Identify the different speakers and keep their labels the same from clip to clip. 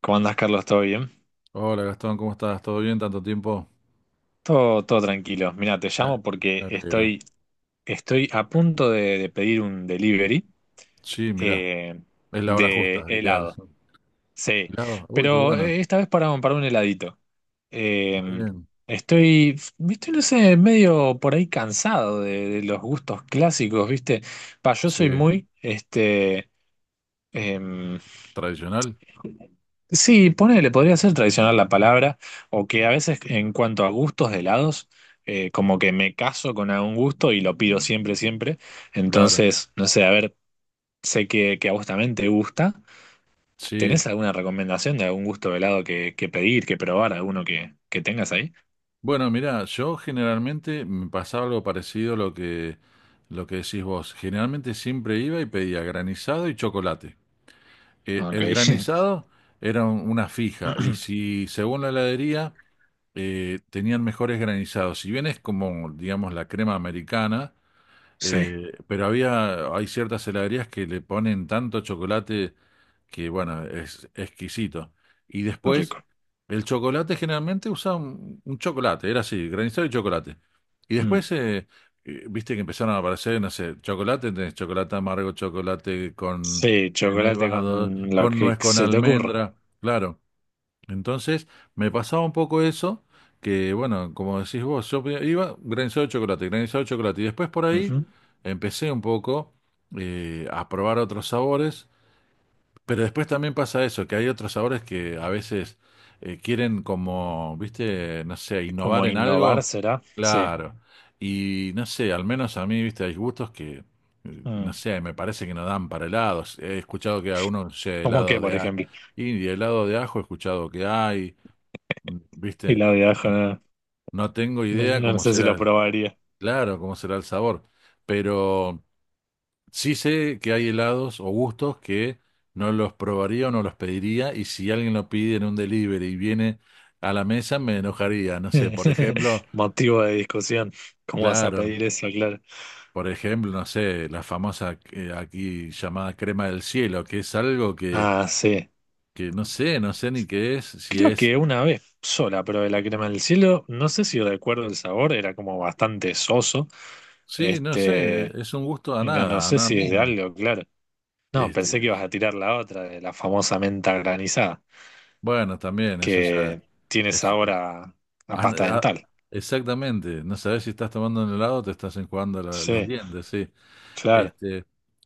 Speaker 1: ¿Cómo andás, Carlos? ¿Todo bien?
Speaker 2: Hola Gastón, ¿cómo estás? ¿Todo bien? ¿Tanto tiempo?
Speaker 1: Todo tranquilo. Mira, te
Speaker 2: Me
Speaker 1: llamo
Speaker 2: me
Speaker 1: porque
Speaker 2: alegro.
Speaker 1: estoy a punto de pedir un delivery
Speaker 2: Sí, mirá,
Speaker 1: eh,
Speaker 2: es la hora
Speaker 1: de
Speaker 2: justa, ideal.
Speaker 1: helado. Sí,
Speaker 2: ¿Helado? Uy, qué
Speaker 1: pero
Speaker 2: bueno.
Speaker 1: esta vez para, para un heladito.
Speaker 2: Está
Speaker 1: Eh,
Speaker 2: bien.
Speaker 1: estoy, estoy, no sé, medio por ahí cansado de los gustos clásicos, ¿viste? Pa, yo soy
Speaker 2: Sí,
Speaker 1: muy, em,
Speaker 2: tradicional,
Speaker 1: sí, ponele, podría ser tradicional la palabra, o que a veces en cuanto a gustos de helados, como que me caso con algún gusto y lo pido siempre, siempre.
Speaker 2: claro.
Speaker 1: Entonces, no sé, a ver, sé que a vos también te gusta.
Speaker 2: Sí.
Speaker 1: ¿Tenés alguna recomendación de algún gusto de helado que pedir, que probar, alguno que tengas ahí?
Speaker 2: Bueno, mirá, yo generalmente me pasaba algo parecido a lo que decís vos. Generalmente siempre iba y pedía granizado y chocolate.
Speaker 1: Ok.
Speaker 2: El granizado era una fija y si según la heladería tenían mejores granizados, si bien es como, digamos, la crema americana.
Speaker 1: Sí,
Speaker 2: Pero hay ciertas heladerías que le ponen tanto chocolate que, bueno, es exquisito. Y
Speaker 1: lo
Speaker 2: después,
Speaker 1: rico.
Speaker 2: el chocolate generalmente usaba un chocolate, era así, granizado y chocolate. Y
Speaker 1: Mm.
Speaker 2: después, viste que empezaron a aparecer, no sé, chocolate, tenés chocolate amargo, chocolate con
Speaker 1: Sí, chocolate
Speaker 2: nevado,
Speaker 1: con lo
Speaker 2: con
Speaker 1: que
Speaker 2: nuez, con
Speaker 1: se te ocurra.
Speaker 2: almendra, claro. Entonces, me pasaba un poco eso, que bueno, como decís vos, yo iba granizado de chocolate, y después por ahí
Speaker 1: Ujú.
Speaker 2: empecé un poco a probar otros sabores, pero después también pasa eso, que hay otros sabores que a veces quieren como, viste, no sé, innovar
Speaker 1: Como
Speaker 2: en
Speaker 1: innovar
Speaker 2: algo,
Speaker 1: será. Sí.
Speaker 2: claro, y no sé, al menos a mí, viste, hay gustos que,
Speaker 1: Mm.
Speaker 2: no sé, me parece que no dan para helados, he escuchado que algunos, no sé,
Speaker 1: ¿Cómo
Speaker 2: helado
Speaker 1: qué, por
Speaker 2: de...
Speaker 1: ejemplo?
Speaker 2: y de helado de ajo he escuchado que hay.
Speaker 1: Y
Speaker 2: ¿Viste?
Speaker 1: la de ajo,
Speaker 2: No,
Speaker 1: ¿no?
Speaker 2: no tengo
Speaker 1: No,
Speaker 2: idea
Speaker 1: no
Speaker 2: cómo
Speaker 1: sé si
Speaker 2: será
Speaker 1: lo probaría.
Speaker 2: claro, cómo será el sabor, pero sí sé que hay helados o gustos que no los probaría o no los pediría y si alguien lo pide en un delivery y viene a la mesa me enojaría, no sé, por ejemplo,
Speaker 1: Motivo de discusión. ¿Cómo vas a
Speaker 2: claro,
Speaker 1: pedir eso, claro?
Speaker 2: por ejemplo, no sé, la famosa aquí llamada crema del cielo, que es algo
Speaker 1: Ah, sí.
Speaker 2: que no sé, no sé ni qué es, si
Speaker 1: Creo
Speaker 2: es,
Speaker 1: que una vez sola probé la crema del cielo. No sé si recuerdo el sabor, era como bastante soso.
Speaker 2: sí, no sé,
Speaker 1: Este,
Speaker 2: es un gusto
Speaker 1: y no, no
Speaker 2: a
Speaker 1: sé
Speaker 2: nada
Speaker 1: si es de
Speaker 2: misma.
Speaker 1: algo, claro. No,
Speaker 2: Este,
Speaker 1: pensé que ibas a tirar la otra, de la famosa menta granizada,
Speaker 2: bueno, también, eso ya
Speaker 1: que tiene
Speaker 2: es,
Speaker 1: sabor
Speaker 2: es-
Speaker 1: a
Speaker 2: ah, no,
Speaker 1: pasta
Speaker 2: ah,
Speaker 1: dental.
Speaker 2: exactamente, no sabes si estás tomando un helado o te estás enjuagando los
Speaker 1: Sí,
Speaker 2: dientes, sí.
Speaker 1: claro.
Speaker 2: Este,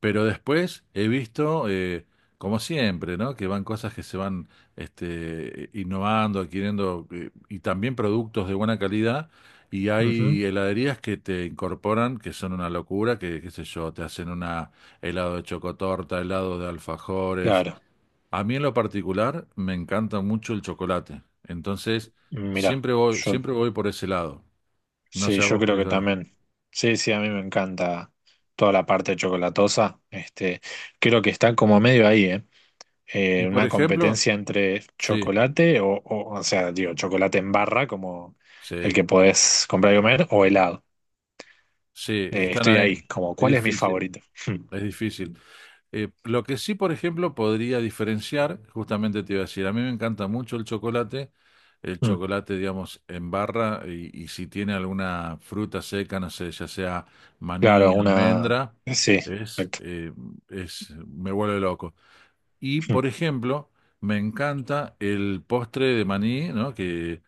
Speaker 2: pero después he visto, como siempre, ¿no? Que van cosas que se van este, innovando, adquiriendo, y también productos de buena calidad, y
Speaker 1: Ujú,
Speaker 2: hay heladerías que te incorporan, que son una locura, que, qué sé yo, te hacen una helado de chocotorta, helado de alfajores.
Speaker 1: claro.
Speaker 2: A mí en lo particular me encanta mucho el chocolate. Entonces,
Speaker 1: Mirá, yo
Speaker 2: siempre voy por ese lado. No
Speaker 1: sí,
Speaker 2: sé a
Speaker 1: yo
Speaker 2: vos
Speaker 1: creo
Speaker 2: qué.
Speaker 1: que también. Sí, sí, a mí me encanta toda la parte chocolatosa. Este, creo que está como medio ahí, ¿eh?
Speaker 2: Y por
Speaker 1: Una
Speaker 2: ejemplo,
Speaker 1: competencia entre
Speaker 2: sí,
Speaker 1: chocolate o sea, digo, chocolate en barra, como el
Speaker 2: sí,
Speaker 1: que podés comprar y comer, o helado.
Speaker 2: sí, están
Speaker 1: Estoy ahí,
Speaker 2: ahí.
Speaker 1: como,
Speaker 2: Es
Speaker 1: ¿cuál es mi
Speaker 2: difícil,
Speaker 1: favorito? Mm,
Speaker 2: es difícil. Lo que sí, por ejemplo, podría diferenciar, justamente te iba a decir, a mí me encanta mucho el
Speaker 1: mm.
Speaker 2: chocolate, digamos, en barra y si tiene alguna fruta seca, no sé, ya sea maní,
Speaker 1: Claro, una...
Speaker 2: almendra,
Speaker 1: Sí,
Speaker 2: es,
Speaker 1: perfecto.
Speaker 2: eh, es, me vuelve loco. Y,
Speaker 1: Mm,
Speaker 2: por ejemplo, me encanta el postre de maní, ¿no?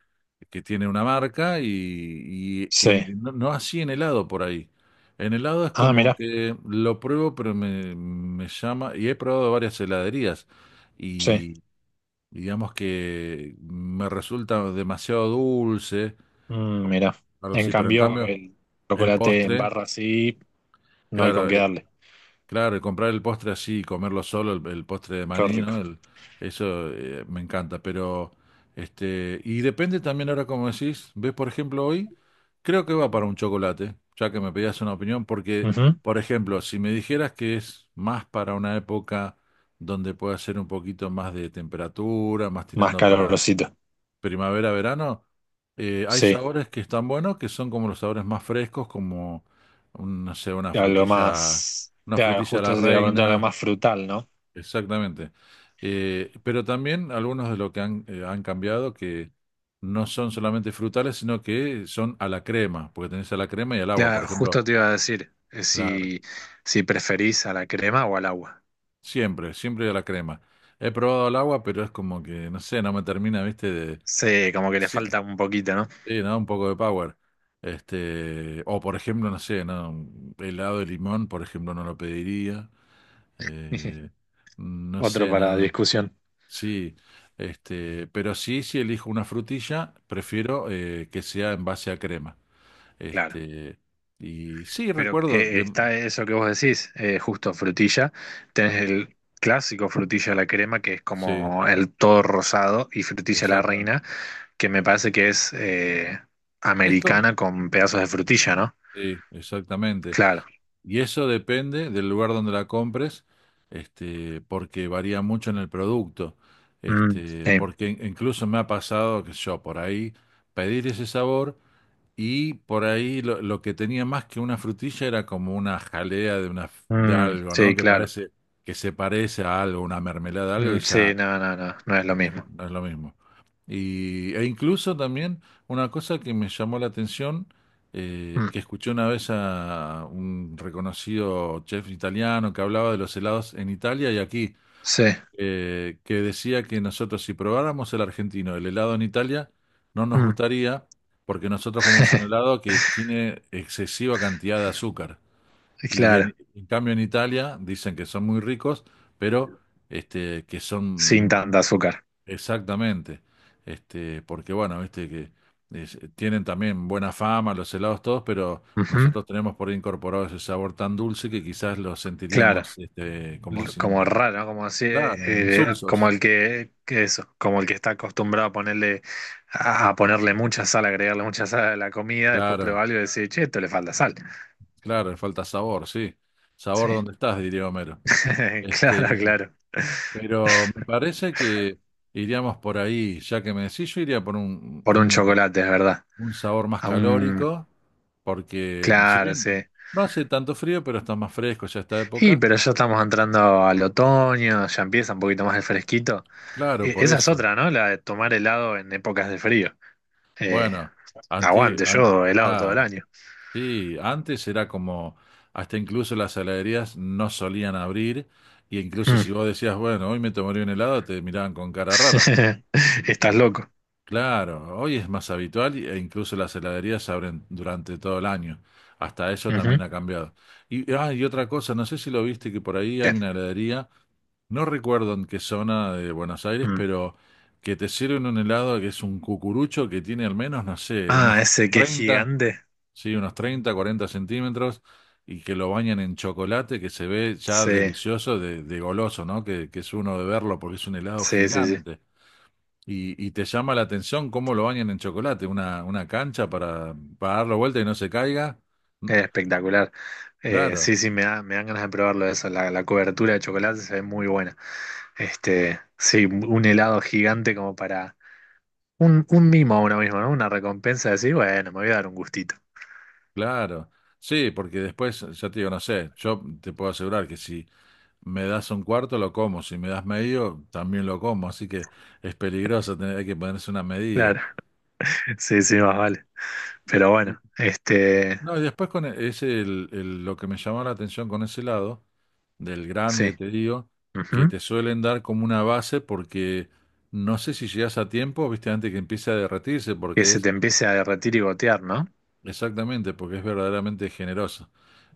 Speaker 2: Que tiene una marca y
Speaker 1: sí.
Speaker 2: no, no así en helado por ahí. En helado es
Speaker 1: Ah,
Speaker 2: como
Speaker 1: mira,
Speaker 2: que lo pruebo, pero me llama, y he probado varias heladerías
Speaker 1: sí.
Speaker 2: y digamos que me resulta demasiado dulce,
Speaker 1: Mm, mira.
Speaker 2: algo
Speaker 1: En
Speaker 2: así, pero en
Speaker 1: cambio,
Speaker 2: cambio
Speaker 1: el
Speaker 2: el
Speaker 1: chocolate en
Speaker 2: postre,
Speaker 1: barra sí, no hay con
Speaker 2: claro,
Speaker 1: qué darle.
Speaker 2: claro, y comprar el postre así, y comerlo solo, el postre de
Speaker 1: Qué
Speaker 2: maní, ¿no?
Speaker 1: rico.
Speaker 2: El eso me encanta, pero este, y depende también ahora como decís, ves por ejemplo hoy, creo que va para un chocolate, ya que me pedías una opinión, porque
Speaker 1: Ujú.
Speaker 2: por ejemplo, si me dijeras que es más para una época donde pueda ser un poquito más de temperatura, más
Speaker 1: Más
Speaker 2: tirando para
Speaker 1: calorosito.
Speaker 2: primavera-verano, hay
Speaker 1: Sí,
Speaker 2: sabores que están buenos, que son como los sabores más frescos, como, no sé,
Speaker 1: algo más.
Speaker 2: una
Speaker 1: Claro,
Speaker 2: frutilla a
Speaker 1: justo
Speaker 2: la
Speaker 1: te iba a preguntar algo
Speaker 2: reina,
Speaker 1: más frutal, ¿no?
Speaker 2: exactamente. Pero también algunos de lo que han cambiado, que no son solamente frutales, sino que son a la crema, porque tenés a la crema y al agua, por
Speaker 1: Claro,
Speaker 2: ejemplo,
Speaker 1: justo te iba a decir
Speaker 2: claro,
Speaker 1: si preferís a la crema o al agua.
Speaker 2: siempre, siempre a la crema. He probado al agua, pero es como que, no sé, no me termina, viste, de...
Speaker 1: Sí, como que le
Speaker 2: Sí,
Speaker 1: falta un poquito, ¿no?
Speaker 2: sí, ¿no? Un poco de power. Este, o por ejemplo, no sé, ¿no? Un helado de limón, por ejemplo, no lo pediría. Eh, no
Speaker 1: Otro
Speaker 2: sé, no,
Speaker 1: para
Speaker 2: no.
Speaker 1: discusión.
Speaker 2: Sí, este, pero sí, si elijo una frutilla, prefiero que sea en base a crema.
Speaker 1: Claro.
Speaker 2: Este, y sí,
Speaker 1: Pero
Speaker 2: recuerdo,
Speaker 1: está eso que vos decís, justo frutilla. Tenés el clásico frutilla a la crema, que es
Speaker 2: sí,
Speaker 1: como el todo rosado, y frutilla a la
Speaker 2: exacta-
Speaker 1: reina, que me parece que es
Speaker 2: es
Speaker 1: americana con pedazos de frutilla, ¿no?
Speaker 2: sí, exactamente.
Speaker 1: Claro.
Speaker 2: Y eso depende del lugar donde la compres, este, porque varía mucho en el producto.
Speaker 1: Mm,
Speaker 2: Este,
Speaker 1: sí,
Speaker 2: porque incluso me ha pasado que yo por ahí pedir ese sabor y por ahí lo que tenía más que una frutilla era como una jalea de una de
Speaker 1: mm,
Speaker 2: algo, ¿no?
Speaker 1: sí,
Speaker 2: Que
Speaker 1: claro.
Speaker 2: parece que se parece a algo, una mermelada, algo y
Speaker 1: Mm, sí,
Speaker 2: ya
Speaker 1: no, no, no, no es lo
Speaker 2: no es,
Speaker 1: mismo.
Speaker 2: no es lo mismo. Y, e incluso también una cosa que me llamó la atención,
Speaker 1: Mm,
Speaker 2: que escuché una vez a un reconocido chef italiano que hablaba de los helados en Italia y aquí,
Speaker 1: sí,
Speaker 2: que decía que nosotros si probáramos el argentino, el helado en Italia, no nos
Speaker 1: mm.
Speaker 2: gustaría porque nosotros comemos un helado que tiene excesiva cantidad de azúcar. Y
Speaker 1: Claro,
Speaker 2: en cambio en Italia dicen que son muy ricos, pero este, que
Speaker 1: sin
Speaker 2: son
Speaker 1: tanta azúcar.
Speaker 2: exactamente. Este, porque bueno, viste que tienen también buena fama los helados todos, pero
Speaker 1: Ujú,
Speaker 2: nosotros tenemos por ahí incorporado ese sabor tan dulce que quizás lo
Speaker 1: claro,
Speaker 2: sentiríamos este, como
Speaker 1: L-
Speaker 2: sin,
Speaker 1: como raro, ¿no? Como así,
Speaker 2: claro,
Speaker 1: como
Speaker 2: insulsos.
Speaker 1: el que eso, como el que está acostumbrado a ponerle, a ponerle mucha sal, agregarle mucha sal a la comida, después prueba
Speaker 2: Claro,
Speaker 1: algo y decir, che, esto le falta sal.
Speaker 2: claro, le falta sabor, sí.
Speaker 1: Sí,
Speaker 2: Sabor donde estás, diría Homero.
Speaker 1: claro,
Speaker 2: Este,
Speaker 1: claro.
Speaker 2: pero me parece que iríamos por ahí, ya que me decís, yo iría por
Speaker 1: Por un chocolate, es verdad.
Speaker 2: un sabor más
Speaker 1: A un,
Speaker 2: calórico, porque si
Speaker 1: claro,
Speaker 2: bien
Speaker 1: sí.
Speaker 2: no hace tanto frío, pero está más fresco ya esta
Speaker 1: Sí,
Speaker 2: época.
Speaker 1: pero ya estamos entrando al otoño, ya empieza un poquito más el fresquito.
Speaker 2: Claro, por
Speaker 1: Esa es
Speaker 2: eso.
Speaker 1: otra, ¿no? La de tomar helado en épocas de frío. Eh,
Speaker 2: Bueno,
Speaker 1: aguante, yo helado todo el
Speaker 2: claro,
Speaker 1: año.
Speaker 2: sí, antes era como, hasta incluso las heladerías no solían abrir, y incluso si
Speaker 1: Mm.
Speaker 2: vos decías, bueno, hoy me tomaría un helado, te miraban con cara rara.
Speaker 1: Estás loco.
Speaker 2: Claro, hoy es más habitual e incluso las heladerías abren durante todo el año. Hasta eso
Speaker 1: Ujú.
Speaker 2: también ha cambiado. Y, ah, y otra cosa, no sé si lo viste, que por ahí hay
Speaker 1: ¿Qué?
Speaker 2: una heladería, no recuerdo en qué zona de Buenos Aires,
Speaker 1: Mm.
Speaker 2: pero que te sirven un helado que es un cucurucho que tiene al menos, no sé,
Speaker 1: Ah, ese que es
Speaker 2: 30
Speaker 1: gigante.
Speaker 2: sí, unos 30 40 centímetros y que lo bañan en chocolate que se ve ya
Speaker 1: Sí,
Speaker 2: delicioso de goloso, ¿no? Que es uno de verlo porque es un helado
Speaker 1: sí, sí, sí.
Speaker 2: gigante. Y te llama la atención cómo lo bañan en chocolate, una cancha para darlo vuelta y no se caiga. Mm,
Speaker 1: Es espectacular.
Speaker 2: claro,
Speaker 1: Sí, sí, me dan ganas de probarlo eso. La cobertura de chocolate se ve muy buena. Este, sí, un helado gigante como para un mimo a uno mismo, ¿no? Una recompensa de decir, bueno, me voy a dar un gustito.
Speaker 2: claro. Sí, porque después, ya te digo, no sé, yo te puedo asegurar que si me das un cuarto, lo como. Si me das medio, también lo como. Así que es peligroso, tener, hay que ponerse una medida.
Speaker 1: Claro, sí, sí, más vale. Pero
Speaker 2: Y-
Speaker 1: bueno, este,
Speaker 2: No, y después con lo que me llamó la atención con ese lado, del grande,
Speaker 1: sí.
Speaker 2: te digo, que
Speaker 1: Ujú.
Speaker 2: te suelen dar como una base porque no sé si llegas a tiempo, viste, antes que empiece a derretirse,
Speaker 1: Que
Speaker 2: porque
Speaker 1: se te
Speaker 2: es
Speaker 1: empiece a derretir y gotear, ¿no?
Speaker 2: exactamente, porque es verdaderamente generoso.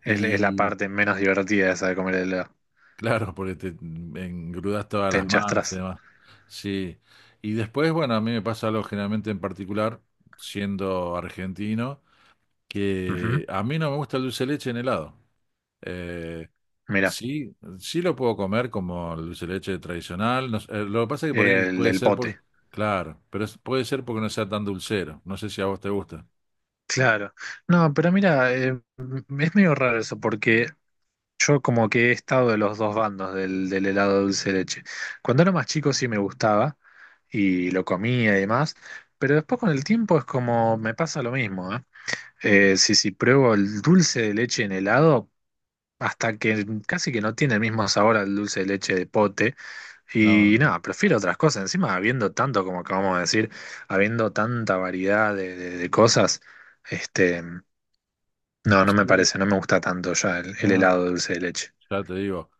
Speaker 1: Es la parte menos divertida esa de comer el helado.
Speaker 2: Claro, porque te engrudas todas
Speaker 1: Te
Speaker 2: las manos y
Speaker 1: enchastras.
Speaker 2: demás. Sí. Y después, bueno, a mí me pasa algo generalmente en particular, siendo argentino, que
Speaker 1: Ujú.
Speaker 2: a mí no me gusta el dulce de leche en helado. Eh,
Speaker 1: Mira,
Speaker 2: sí, sí lo puedo comer como el dulce de leche tradicional. No sé, lo que pasa es que por ahí
Speaker 1: el
Speaker 2: puede
Speaker 1: del
Speaker 2: ser porque,
Speaker 1: pote.
Speaker 2: claro, pero puede ser porque no sea tan dulcero. No sé si a vos te gusta.
Speaker 1: Claro. No, pero mira, es medio raro eso, porque yo como que he estado de los dos bandos del helado dulce de leche. Cuando era más chico sí me gustaba y lo comía y demás, pero después con el tiempo es como me pasa lo mismo, ¿eh? Si pruebo el dulce de leche en helado, hasta que casi que no tiene el mismo sabor al dulce de leche de pote.
Speaker 2: No,
Speaker 1: Y
Speaker 2: no.
Speaker 1: nada, prefiero otras cosas. Encima, habiendo tanto, como acabamos de decir, habiendo tanta variedad de cosas, este, no, no me
Speaker 2: Sí,
Speaker 1: parece, no me gusta tanto ya el
Speaker 2: no.
Speaker 1: helado de dulce de leche.
Speaker 2: Ya te digo,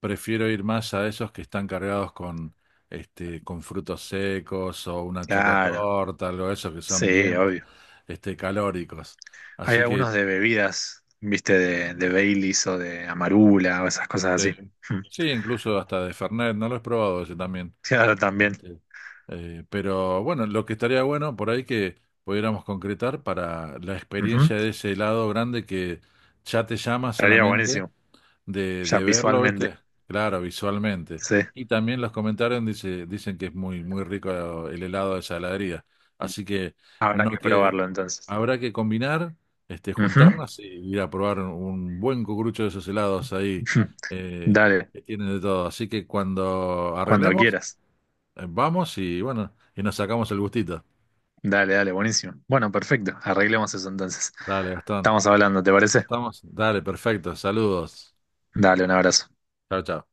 Speaker 2: prefiero ir más a esos que están cargados con, este, con frutos secos o una
Speaker 1: Claro.
Speaker 2: chocotorta, algo de eso, que son
Speaker 1: Sí,
Speaker 2: bien,
Speaker 1: obvio.
Speaker 2: este, calóricos.
Speaker 1: Hay
Speaker 2: Así que,
Speaker 1: algunos de bebidas, viste, de Baileys o de Amarula o esas cosas
Speaker 2: eh,
Speaker 1: así. Mm.
Speaker 2: sí, incluso hasta de Fernet, no lo he probado ese también.
Speaker 1: Claro, también.
Speaker 2: Este, pero bueno, lo que estaría bueno por ahí que pudiéramos concretar para la
Speaker 1: Ujú.
Speaker 2: experiencia de ese helado grande que ya te llama
Speaker 1: Estaría
Speaker 2: solamente
Speaker 1: buenísimo, ya
Speaker 2: de verlo,
Speaker 1: visualmente.
Speaker 2: ¿viste? Claro, visualmente.
Speaker 1: Sí,
Speaker 2: Y también los comentarios dicen que es muy, muy rico el helado de saladería. Así que
Speaker 1: habrá
Speaker 2: no
Speaker 1: que
Speaker 2: que
Speaker 1: probarlo entonces.
Speaker 2: habrá que combinar, este,
Speaker 1: Ujú.
Speaker 2: juntarnos y ir a probar un buen cucurucho de esos helados ahí,
Speaker 1: Ujú.
Speaker 2: eh,
Speaker 1: Dale,
Speaker 2: que tienen de todo. Así que cuando
Speaker 1: cuando
Speaker 2: arreglemos,
Speaker 1: quieras.
Speaker 2: vamos y bueno, y nos sacamos el gustito.
Speaker 1: Dale, dale, buenísimo. Bueno, perfecto. Arreglemos eso entonces.
Speaker 2: Dale, Gastón.
Speaker 1: Estamos hablando, ¿te
Speaker 2: Nos
Speaker 1: parece?
Speaker 2: estamos. Dale, perfecto. Saludos.
Speaker 1: Dale, un abrazo.
Speaker 2: Chao, chao.